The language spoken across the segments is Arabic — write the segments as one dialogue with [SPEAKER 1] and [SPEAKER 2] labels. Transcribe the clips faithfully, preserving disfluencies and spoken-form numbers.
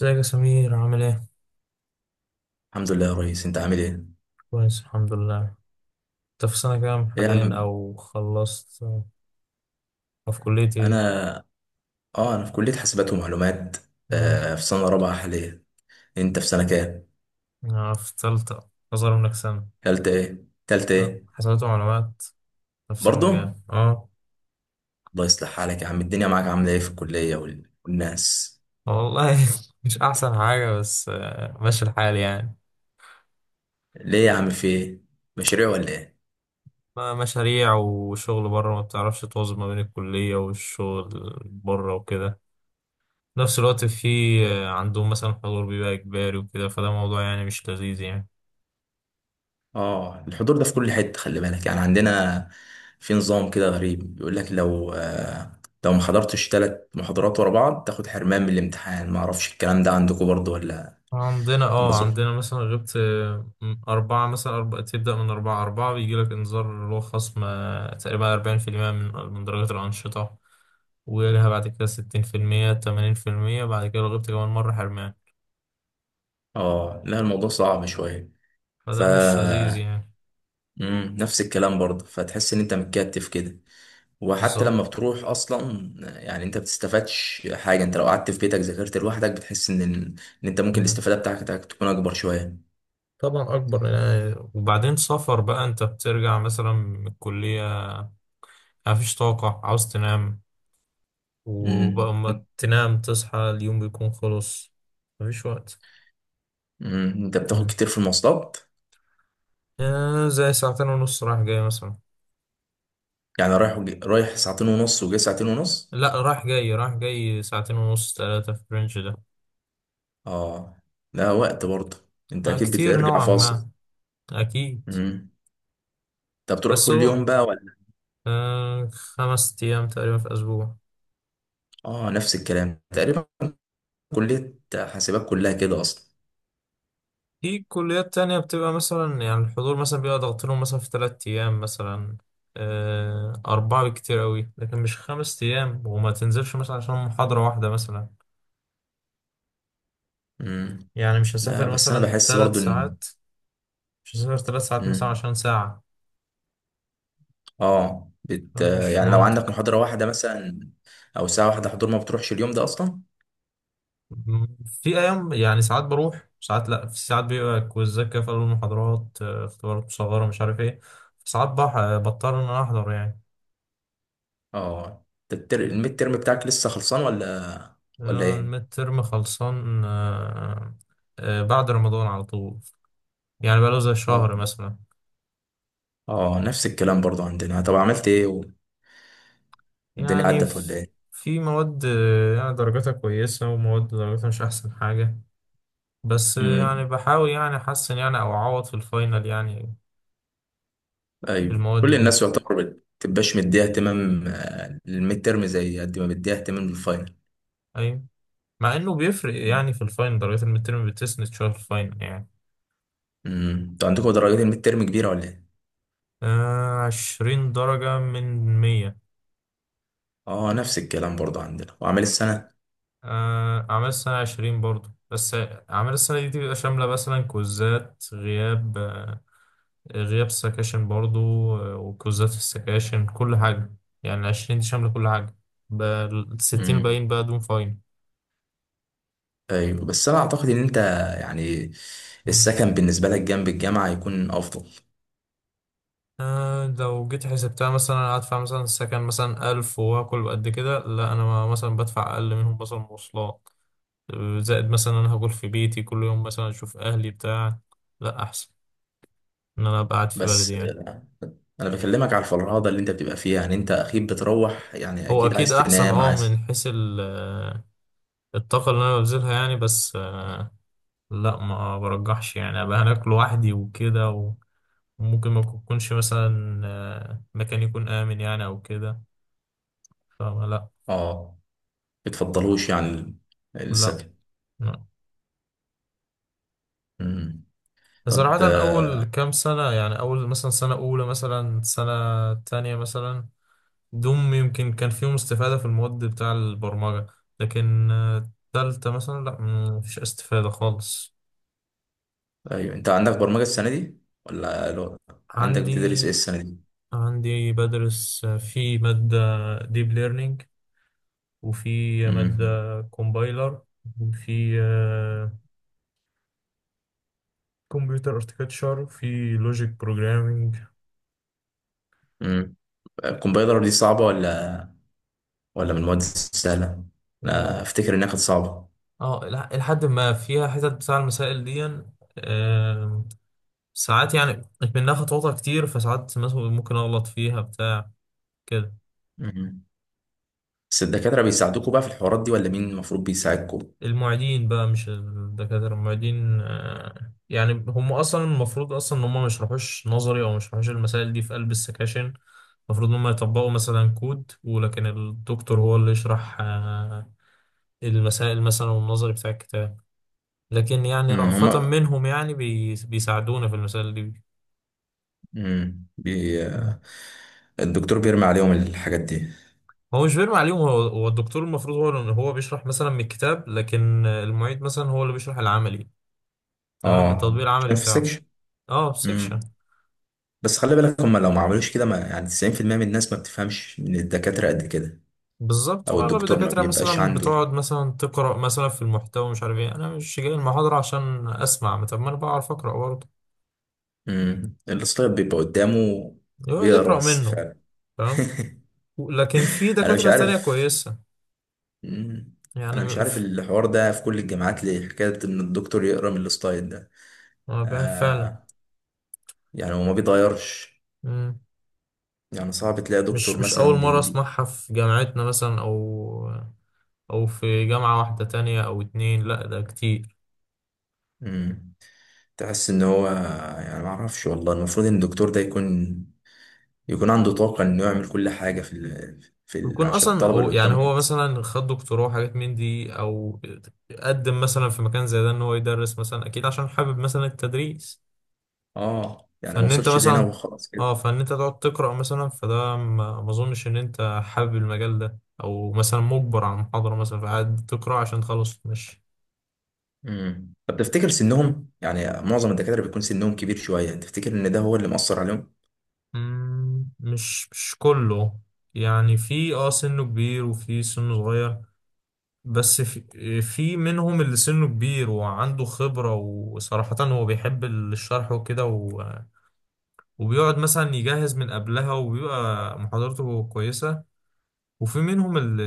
[SPEAKER 1] ازيك يا سمير؟ عامل ايه؟
[SPEAKER 2] الحمد لله يا ريس، انت عامل ايه؟
[SPEAKER 1] كويس الحمد لله. انت في سنة كام
[SPEAKER 2] ايه يا
[SPEAKER 1] حاليا
[SPEAKER 2] عم؟
[SPEAKER 1] او خلصت، او في كلية ايه؟
[SPEAKER 2] انا اه انا في كلية حاسبات ومعلومات.
[SPEAKER 1] امم
[SPEAKER 2] آه، في سنة رابعة حاليا. انت في سنة كام؟
[SPEAKER 1] انا في تالتة، اصغر منك سنة.
[SPEAKER 2] تالتة ايه، تالتة
[SPEAKER 1] لا،
[SPEAKER 2] ايه؟
[SPEAKER 1] حسابات ومعلومات، نفس المجال.
[SPEAKER 2] برضه.
[SPEAKER 1] اه.
[SPEAKER 2] الله يصلح حالك يا عم، الدنيا معاك عاملة ايه في الكلية وال- والناس؟
[SPEAKER 1] والله مش احسن حاجة، بس آه، ماشي الحال يعني.
[SPEAKER 2] ليه يا عم، في ايه؟ مشاريع ولا ايه؟
[SPEAKER 1] ما- مشاريع وشغل بره، ما بتعرفش توازن ما بين الكلية والشغل بره وكده في نفس الوقت. في آه، عندهم مثلا حضور بيبقى إجباري وكده، فده موضوع يعني مش لذيذ يعني.
[SPEAKER 2] اه، الحضور ده في كل حتة، خلي بالك، يعني عندنا في نظام كده غريب بيقول لك لو آه لو ما حضرتش ثلاث محاضرات ورا بعض تاخد حرمان من الامتحان. ما اعرفش الكلام ده عندكم برضه ولا؟
[SPEAKER 1] عندنا.
[SPEAKER 2] ولا.
[SPEAKER 1] اه، عندنا مثلا غبت آه، أربعة، مثلا أربعة، تبدأ من أربعة. أربعة بيجي لك إنذار، اللي هو خصم آه، تقريبا اربعين في المية من من درجات الأنشطة، ويلها بعد كده ستين في المية، تمانين في المية، بعد كده لو غبت كمان مرة حرمان.
[SPEAKER 2] اه، لا الموضوع صعب شوية. ف
[SPEAKER 1] فده مش لذيذ يعني.
[SPEAKER 2] مم. نفس الكلام برضه، فتحس ان انت متكتف كده، وحتى
[SPEAKER 1] بالظبط.
[SPEAKER 2] لما بتروح اصلا يعني انت بتستفادش حاجة. انت لو قعدت في بيتك ذاكرت لوحدك بتحس ان ان انت ممكن
[SPEAKER 1] مم.
[SPEAKER 2] الاستفادة بتاعتك تكون اكبر شوية.
[SPEAKER 1] طبعا أكبر يعني. وبعدين سفر بقى، أنت بترجع مثلا من الكلية، مفيش طاقة، عاوز تنام،
[SPEAKER 2] مم.
[SPEAKER 1] وبقى ما تنام تصحى اليوم بيكون خلص، مفيش وقت.
[SPEAKER 2] مم. انت بتاخد كتير في المواصلات؟
[SPEAKER 1] آه، زي ساعتين ونص رايح جاي مثلا.
[SPEAKER 2] يعني رايح وجي... رايح ساعتين ونص وجاي ساعتين ونص.
[SPEAKER 1] لا، رايح جاي، رايح جاي ساعتين ونص، ثلاثة في الرينج ده.
[SPEAKER 2] اه، لا وقت برضه. انت
[SPEAKER 1] آه،
[SPEAKER 2] اكيد
[SPEAKER 1] كتير
[SPEAKER 2] بترجع
[SPEAKER 1] نوعا
[SPEAKER 2] فاصل.
[SPEAKER 1] ما. أكيد.
[SPEAKER 2] مم. انت بتروح
[SPEAKER 1] بس
[SPEAKER 2] كل
[SPEAKER 1] هو
[SPEAKER 2] يوم بقى ولا؟
[SPEAKER 1] آه، خمس ايام تقريبا في أسبوع.
[SPEAKER 2] اه، نفس الكلام تقريبا. كلية حاسبات كلها كده أصلا.
[SPEAKER 1] في كليات تانية بتبقى مثلا، يعني الحضور مثلا بيبقى ضغط لهم مثلا في تلات ايام مثلا، آه، أربعة، بكتير أوي. لكن مش خمس ايام، وما تنزلش مثلا عشان محاضرة واحدة مثلا.
[SPEAKER 2] مم.
[SPEAKER 1] يعني مش
[SPEAKER 2] لا
[SPEAKER 1] هسافر
[SPEAKER 2] بس أنا
[SPEAKER 1] مثلا
[SPEAKER 2] بحس
[SPEAKER 1] تلات
[SPEAKER 2] برضو إن.
[SPEAKER 1] ساعات مش هسافر تلات ساعات مثلا
[SPEAKER 2] مم.
[SPEAKER 1] عشان ساعة.
[SPEAKER 2] آه بت...
[SPEAKER 1] يعني مش
[SPEAKER 2] يعني لو عندك
[SPEAKER 1] منطق.
[SPEAKER 2] محاضرة واحدة مثلا أو ساعة واحدة حضور، ما بتروحش اليوم ده أصلا.
[SPEAKER 1] مم. في ايام يعني، ساعات بروح ساعات لا، في ساعات بيبقى كويزات كده في قلب المحاضرات، آه، اختبارات مصغره مش عارف ايه، ساعات بح- بضطر ان انا احضر يعني.
[SPEAKER 2] آه. أنت التر... الميد ترم بتاعك لسه خلصان ولا؟ ولا
[SPEAKER 1] آه،
[SPEAKER 2] إيه؟
[SPEAKER 1] الميد ترم خلصان. آه. آه، بعد رمضان على طول. يعني بقاله زي
[SPEAKER 2] آه.
[SPEAKER 1] شهر مثلا.
[SPEAKER 2] آه، نفس الكلام برضو عندنا. طب عملت إيه؟ والدنيا
[SPEAKER 1] يعني
[SPEAKER 2] عدت ولا
[SPEAKER 1] ف-
[SPEAKER 2] إيه؟
[SPEAKER 1] في مواد آه، يعني درجاتها كويسة، ومواد درجاتها مش أحسن حاجة، بس آه، يعني
[SPEAKER 2] مم.
[SPEAKER 1] بحاول يعني أحسن يعني، أو أعوض في الفاينل يعني في
[SPEAKER 2] أيوه،
[SPEAKER 1] المواد
[SPEAKER 2] كل
[SPEAKER 1] دي.
[SPEAKER 2] الناس يعتبر بت- بتبقاش مديها اهتمام، آه، للميد ترم زي قد ما مديها اهتمام للفاينل.
[SPEAKER 1] أيوة. مع انه بيفرق يعني في الفاينل. درجات الميد تيرم بتسند شويه في الفاينل يعني.
[SPEAKER 2] مم. أنتوا عندكم درجات الميد ترم كبيرة ولا إيه؟
[SPEAKER 1] آه، عشرين درجه من مية.
[SPEAKER 2] اه، نفس الكلام برضه عندنا، واعمال السنه.
[SPEAKER 1] آه، اعمال السنه عشرين برضه بس. اعمال السنه دي بتبقى شامله مثلا كوزات، غياب، آه غياب سكاشن برضه، آه وكوزات في السكاشن، كل حاجه. يعني عشرين دي شامله كل حاجه. الستين
[SPEAKER 2] امم
[SPEAKER 1] الباقيين بقى دون فاينل.
[SPEAKER 2] ايوه بس انا اعتقد ان انت، يعني،
[SPEAKER 1] مم.
[SPEAKER 2] السكن بالنسبه لك جنب الجامعه يكون افضل.
[SPEAKER 1] آه، لو جيت حسبتها مثلا، هدفع مثلا السكن مثلا الف وآكل قد كده. لا، أنا مثلا بدفع أقل منهم مثلا مواصلات، زائد مثلا انا هاكل في بيتي كل يوم، مثلا اشوف اهلي بتاع. لا، احسن ان انا ابقى قاعد في بلدي
[SPEAKER 2] بس
[SPEAKER 1] يعني.
[SPEAKER 2] انا بكلمك على الفرهده اللي انت بتبقى فيها، يعني انت اكيد بتروح، يعني
[SPEAKER 1] هو
[SPEAKER 2] اكيد
[SPEAKER 1] اكيد
[SPEAKER 2] عايز
[SPEAKER 1] احسن
[SPEAKER 2] تنام،
[SPEAKER 1] اه، من
[SPEAKER 2] عايز.
[SPEAKER 1] حيث ال- الطاقة اللي انا ببذلها يعني. بس آه، لا، ما برجحش يعني ابقى هناك لوحدي وكده، و- وممكن ما يكونش مثلا آه، مكان يكون امن يعني، او كده. فلا، لا.
[SPEAKER 2] اه، بتفضلوش يعني ال-
[SPEAKER 1] لا.
[SPEAKER 2] السكن.
[SPEAKER 1] لا.
[SPEAKER 2] امم طب،
[SPEAKER 1] صراحة
[SPEAKER 2] آه،
[SPEAKER 1] أول كام سنة، يعني أول مثلا سنة أولى، مثلا سنة تانية مثلا، دوم يمكن كان فيهم استفادة في المواد بتاع البرمجة. لكن آه، تالتة مثلا لا، مفيش استفادة خالص.
[SPEAKER 2] ايوه انت عندك برمجه السنه دي ولا؟ لو عندك، بتدرس
[SPEAKER 1] عندي.
[SPEAKER 2] ايه السنه دي؟
[SPEAKER 1] عندي بدرس آه، في مادة ديب ليرنينج، وفي مادة
[SPEAKER 2] امم
[SPEAKER 1] كومبايلر، وفي كمبيوتر اركتشر، وفي لوجيك بروجرامينج.
[SPEAKER 2] امم الكمبيوتر دي صعبه ولا؟ ولا من المواد السهله؟
[SPEAKER 1] و...
[SPEAKER 2] انا افتكر انها كانت صعبه.
[SPEAKER 1] اه، لح- لحد ما فيها حتت بتاع المسائل دي. آه، ساعات يعني، منها خطواتها كتير، فساعات مثلا ممكن اغلط فيها بتاع كده.
[SPEAKER 2] مم. بس الدكاترة بيساعدوكوا بقى في الحوارات دي، ولا مين المفروض بيساعدكوا؟
[SPEAKER 1] المعيدين بقى، مش الدكاترة، المعيدين. آه، يعني هم أصلا المفروض أصلا إن هم ما يشرحوش نظري، أو ما يشرحوش المسائل دي في قلب السكاشن. المفروض إن هم يطبقوا مثلا كود، ولكن الدكتور هو اللي يشرح آه، المسائل مثلا والنظري بتاع الكتاب. لكن يعني
[SPEAKER 2] مم.
[SPEAKER 1] رأفة
[SPEAKER 2] هما
[SPEAKER 1] منهم يعني بي- بيساعدونا في المسائل دي.
[SPEAKER 2] مم. بي... الدكتور بيرمي عليهم الحاجات دي؟
[SPEAKER 1] هو مش بيرمي عليهم. هو هو الدكتور المفروض هو اللي- هو بيشرح مثلا من الكتاب، لكن المعيد مثلا هو اللي بيشرح العملي. تمام، التطبيق
[SPEAKER 2] اه،
[SPEAKER 1] العملي
[SPEAKER 2] عشان في
[SPEAKER 1] بتاعه.
[SPEAKER 2] سكشن.
[SPEAKER 1] اه،
[SPEAKER 2] مم.
[SPEAKER 1] سيكشن.
[SPEAKER 2] بس خلي بالك، هما لو ما عملوش كده، ما يعني تسعين في المية من الناس ما بتفهمش من الدكاترة قد كده.
[SPEAKER 1] بالظبط.
[SPEAKER 2] او
[SPEAKER 1] واغلب
[SPEAKER 2] الدكتور ما
[SPEAKER 1] الدكاتره
[SPEAKER 2] بيبقاش
[SPEAKER 1] مثلا
[SPEAKER 2] عنده ال-
[SPEAKER 1] بتقعد مثلا تقرا مثلا في المحتوى مش عارف ايه. انا مش جاي المحاضره عشان اسمع، ما طب ما انا بعرف اقرا برضه.
[SPEAKER 2] مم. السلايد بيبقى قدامه،
[SPEAKER 1] يقعد
[SPEAKER 2] بيقرا
[SPEAKER 1] يقرا
[SPEAKER 2] بس
[SPEAKER 1] منه.
[SPEAKER 2] فعلا.
[SPEAKER 1] تمام. لكن في
[SPEAKER 2] انا مش
[SPEAKER 1] دكاتره تانية
[SPEAKER 2] عارف.
[SPEAKER 1] كويسه.
[SPEAKER 2] مم. انا مش
[SPEAKER 1] يعني
[SPEAKER 2] عارف
[SPEAKER 1] ف-
[SPEAKER 2] الحوار ده في كل الجامعات ليه، حكاية ان الدكتور يقرا من السلايد ده.
[SPEAKER 1] آه، بقى فعلا.
[SPEAKER 2] آه. يعني هو ما بيتغيرش،
[SPEAKER 1] مم.
[SPEAKER 2] يعني صعب تلاقي
[SPEAKER 1] مش
[SPEAKER 2] دكتور
[SPEAKER 1] مش اول
[SPEAKER 2] مثلا
[SPEAKER 1] مره
[SPEAKER 2] بي بي
[SPEAKER 1] اسمعها، في جامعتنا مثلا، او او في جامعه واحده تانية او اتنين، لا ده كتير.
[SPEAKER 2] مم. تحس ان هو، يعني ما اعرفش والله، المفروض ان الدكتور ده يكون يكون عنده طاقة انه يعمل كل حاجة في ال... في ال...
[SPEAKER 1] بيكون
[SPEAKER 2] عشان
[SPEAKER 1] اصلا
[SPEAKER 2] الطلبة
[SPEAKER 1] هو
[SPEAKER 2] اللي
[SPEAKER 1] يعني،
[SPEAKER 2] قدامه
[SPEAKER 1] هو
[SPEAKER 2] حتى.
[SPEAKER 1] مثلا خد دكتوراه وحاجات من دي، او قدم مثلا في مكان زي ده، ان هو يدرس مثلا اكيد عشان حابب مثلا التدريس.
[SPEAKER 2] اه، يعني ما
[SPEAKER 1] فان انت
[SPEAKER 2] وصلش لهنا
[SPEAKER 1] مثلا،
[SPEAKER 2] وخلاص كده.
[SPEAKER 1] اه فان انت تقعد تقرا مثلا، فده ما ما اظنش ان انت حابب المجال ده، او مثلا مجبر على المحاضره مثلا فقاعد تقرا عشان تخلص مش.
[SPEAKER 2] امم طب تفتكر سنهم، يعني معظم الدكاترة بيكون سنهم كبير شوية، تفتكر ان ده هو اللي مأثر عليهم؟
[SPEAKER 1] مم، مش مش كله. يعني في اه سنه كبير وفي سنه صغير. بس في, في منهم اللي سنه كبير وعنده خبرة، وصراحة هو بيحب الشرح وكده، و- وبيقعد مثلا يجهز من قبلها، وبيبقى محاضرته كويسة. وفي منهم اللي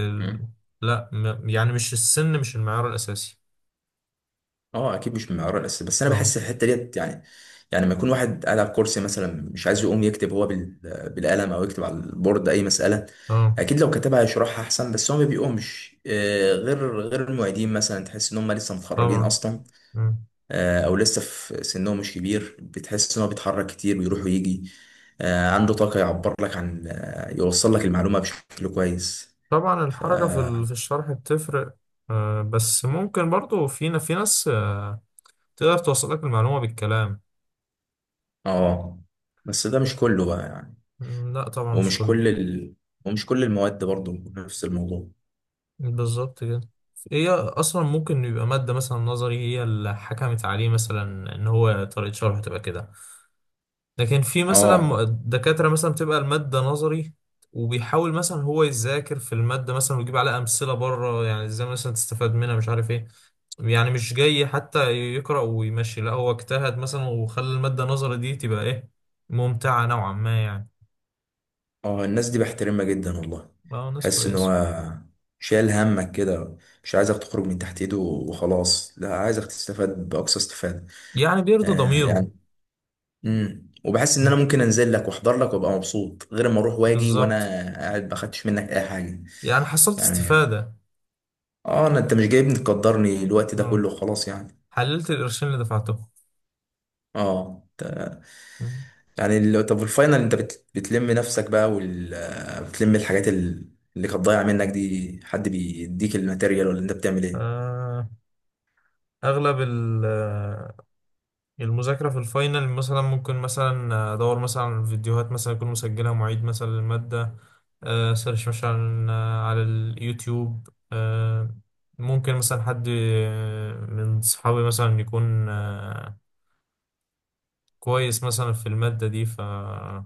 [SPEAKER 1] لا، م- يعني مش السن، مش المعيار الأساسي.
[SPEAKER 2] اه، اكيد مش من المعيار الاساسي، بس انا
[SPEAKER 1] اه.
[SPEAKER 2] بحس الحته ديت يعني. يعني لما يكون واحد قاعد على الكرسي مثلا مش عايز يقوم يكتب هو بال- بالقلم او يكتب على البورد اي مساله،
[SPEAKER 1] اه
[SPEAKER 2] اكيد لو كتبها هيشرحها احسن. بس هو ما بيقومش، آه، غير غير المعيدين مثلا، تحس ان هم لسه متخرجين
[SPEAKER 1] طبعا.
[SPEAKER 2] اصلا.
[SPEAKER 1] مم.
[SPEAKER 2] آه، او لسه في سنهم مش كبير، بتحس ان هو بيتحرك كتير ويروح ويجي، آه، عنده طاقه يعبر لك عن، آه، يوصل لك المعلومه بشكل كويس.
[SPEAKER 1] طبعا
[SPEAKER 2] ف
[SPEAKER 1] الحركة في ال- في الشرح بتفرق. آه، بس ممكن برضو في ن- في ناس آه، تقدر توصلك المعلومة بالكلام.
[SPEAKER 2] اه، بس ده مش كله بقى يعني.
[SPEAKER 1] مم، لا طبعا مش
[SPEAKER 2] ومش
[SPEAKER 1] كله.
[SPEAKER 2] كل ال... ومش كل المواد برضه نفس الموضوع.
[SPEAKER 1] بالظبط كده. هي اصلا ممكن يبقى ماده مثلا نظري، هي اللي حكمت عليه مثلا ان هو طريقه شرحه تبقى كده. لكن في
[SPEAKER 2] اه.
[SPEAKER 1] مثلا دكاتره مثلا بتبقى الماده نظري، وبيحاول مثلا هو يذاكر في الماده مثلا، ويجيب عليها امثله بره، يعني ازاي مثلا تستفاد منها مش عارف ايه. يعني مش جاي حتى يقرا ويمشي، لا هو اجتهد مثلا، وخلى الماده النظري دي تبقى ايه، ممتعه نوعا ما يعني.
[SPEAKER 2] اه، الناس دي بحترمها جدا والله.
[SPEAKER 1] اه ناس
[SPEAKER 2] حس ان
[SPEAKER 1] كويسه.
[SPEAKER 2] هو شايل همك كده، مش عايزك تخرج من تحت ايده وخلاص، لا عايزك تستفاد باقصى استفادة.
[SPEAKER 1] يعني بيرضي
[SPEAKER 2] آه، يعني.
[SPEAKER 1] ضميره.
[SPEAKER 2] امم وبحس ان
[SPEAKER 1] م.
[SPEAKER 2] انا ممكن انزل لك واحضر لك وابقى مبسوط، غير ما اروح واجي وانا
[SPEAKER 1] بالظبط.
[SPEAKER 2] قاعد ما اخدتش منك اي حاجة.
[SPEAKER 1] يعني حصلت
[SPEAKER 2] يعني،
[SPEAKER 1] استفاده.
[SPEAKER 2] اه، انا انت مش جايبني تقدرني الوقت ده
[SPEAKER 1] اه،
[SPEAKER 2] كله خلاص يعني.
[SPEAKER 1] حللت القرشين اللي دفعتهم.
[SPEAKER 2] اه.
[SPEAKER 1] مم.
[SPEAKER 2] يعني ال- طب الفاينل انت بت... بتلم نفسك بقى وال... آه، بتلم الحاجات ال- اللي كانت ضايعه منك دي. حد بيديك الماتيريال ولا انت بتعمل ايه؟
[SPEAKER 1] آه، أغلب ال- آه، المذاكرة في الفاينل مثلا، ممكن مثلا أدور مثلا على فيديوهات مثلا يكون مسجلها معيد مثلا للمادة. آه، سيرش مثلا آه، على اليوتيوب. آه، ممكن مثلا حد آه، من صحابي مثلا يكون آه، كويس مثلا في المادة دي، فيشرح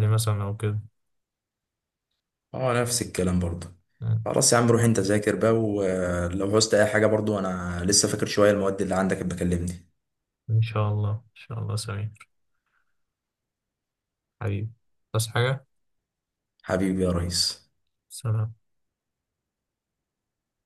[SPEAKER 1] لي مثلا أو كده.
[SPEAKER 2] اه، نفس الكلام برضه.
[SPEAKER 1] مم.
[SPEAKER 2] خلاص يا عم، روح انت ذاكر بقى، ولو عوزت اي حاجه برضه انا لسه فاكر شويه المواد اللي عندك، بكلمني.
[SPEAKER 1] إن شاء الله، إن شاء الله سمير. حبيبي. بس حاجة.
[SPEAKER 2] حبيبي يا ريس.
[SPEAKER 1] سلام.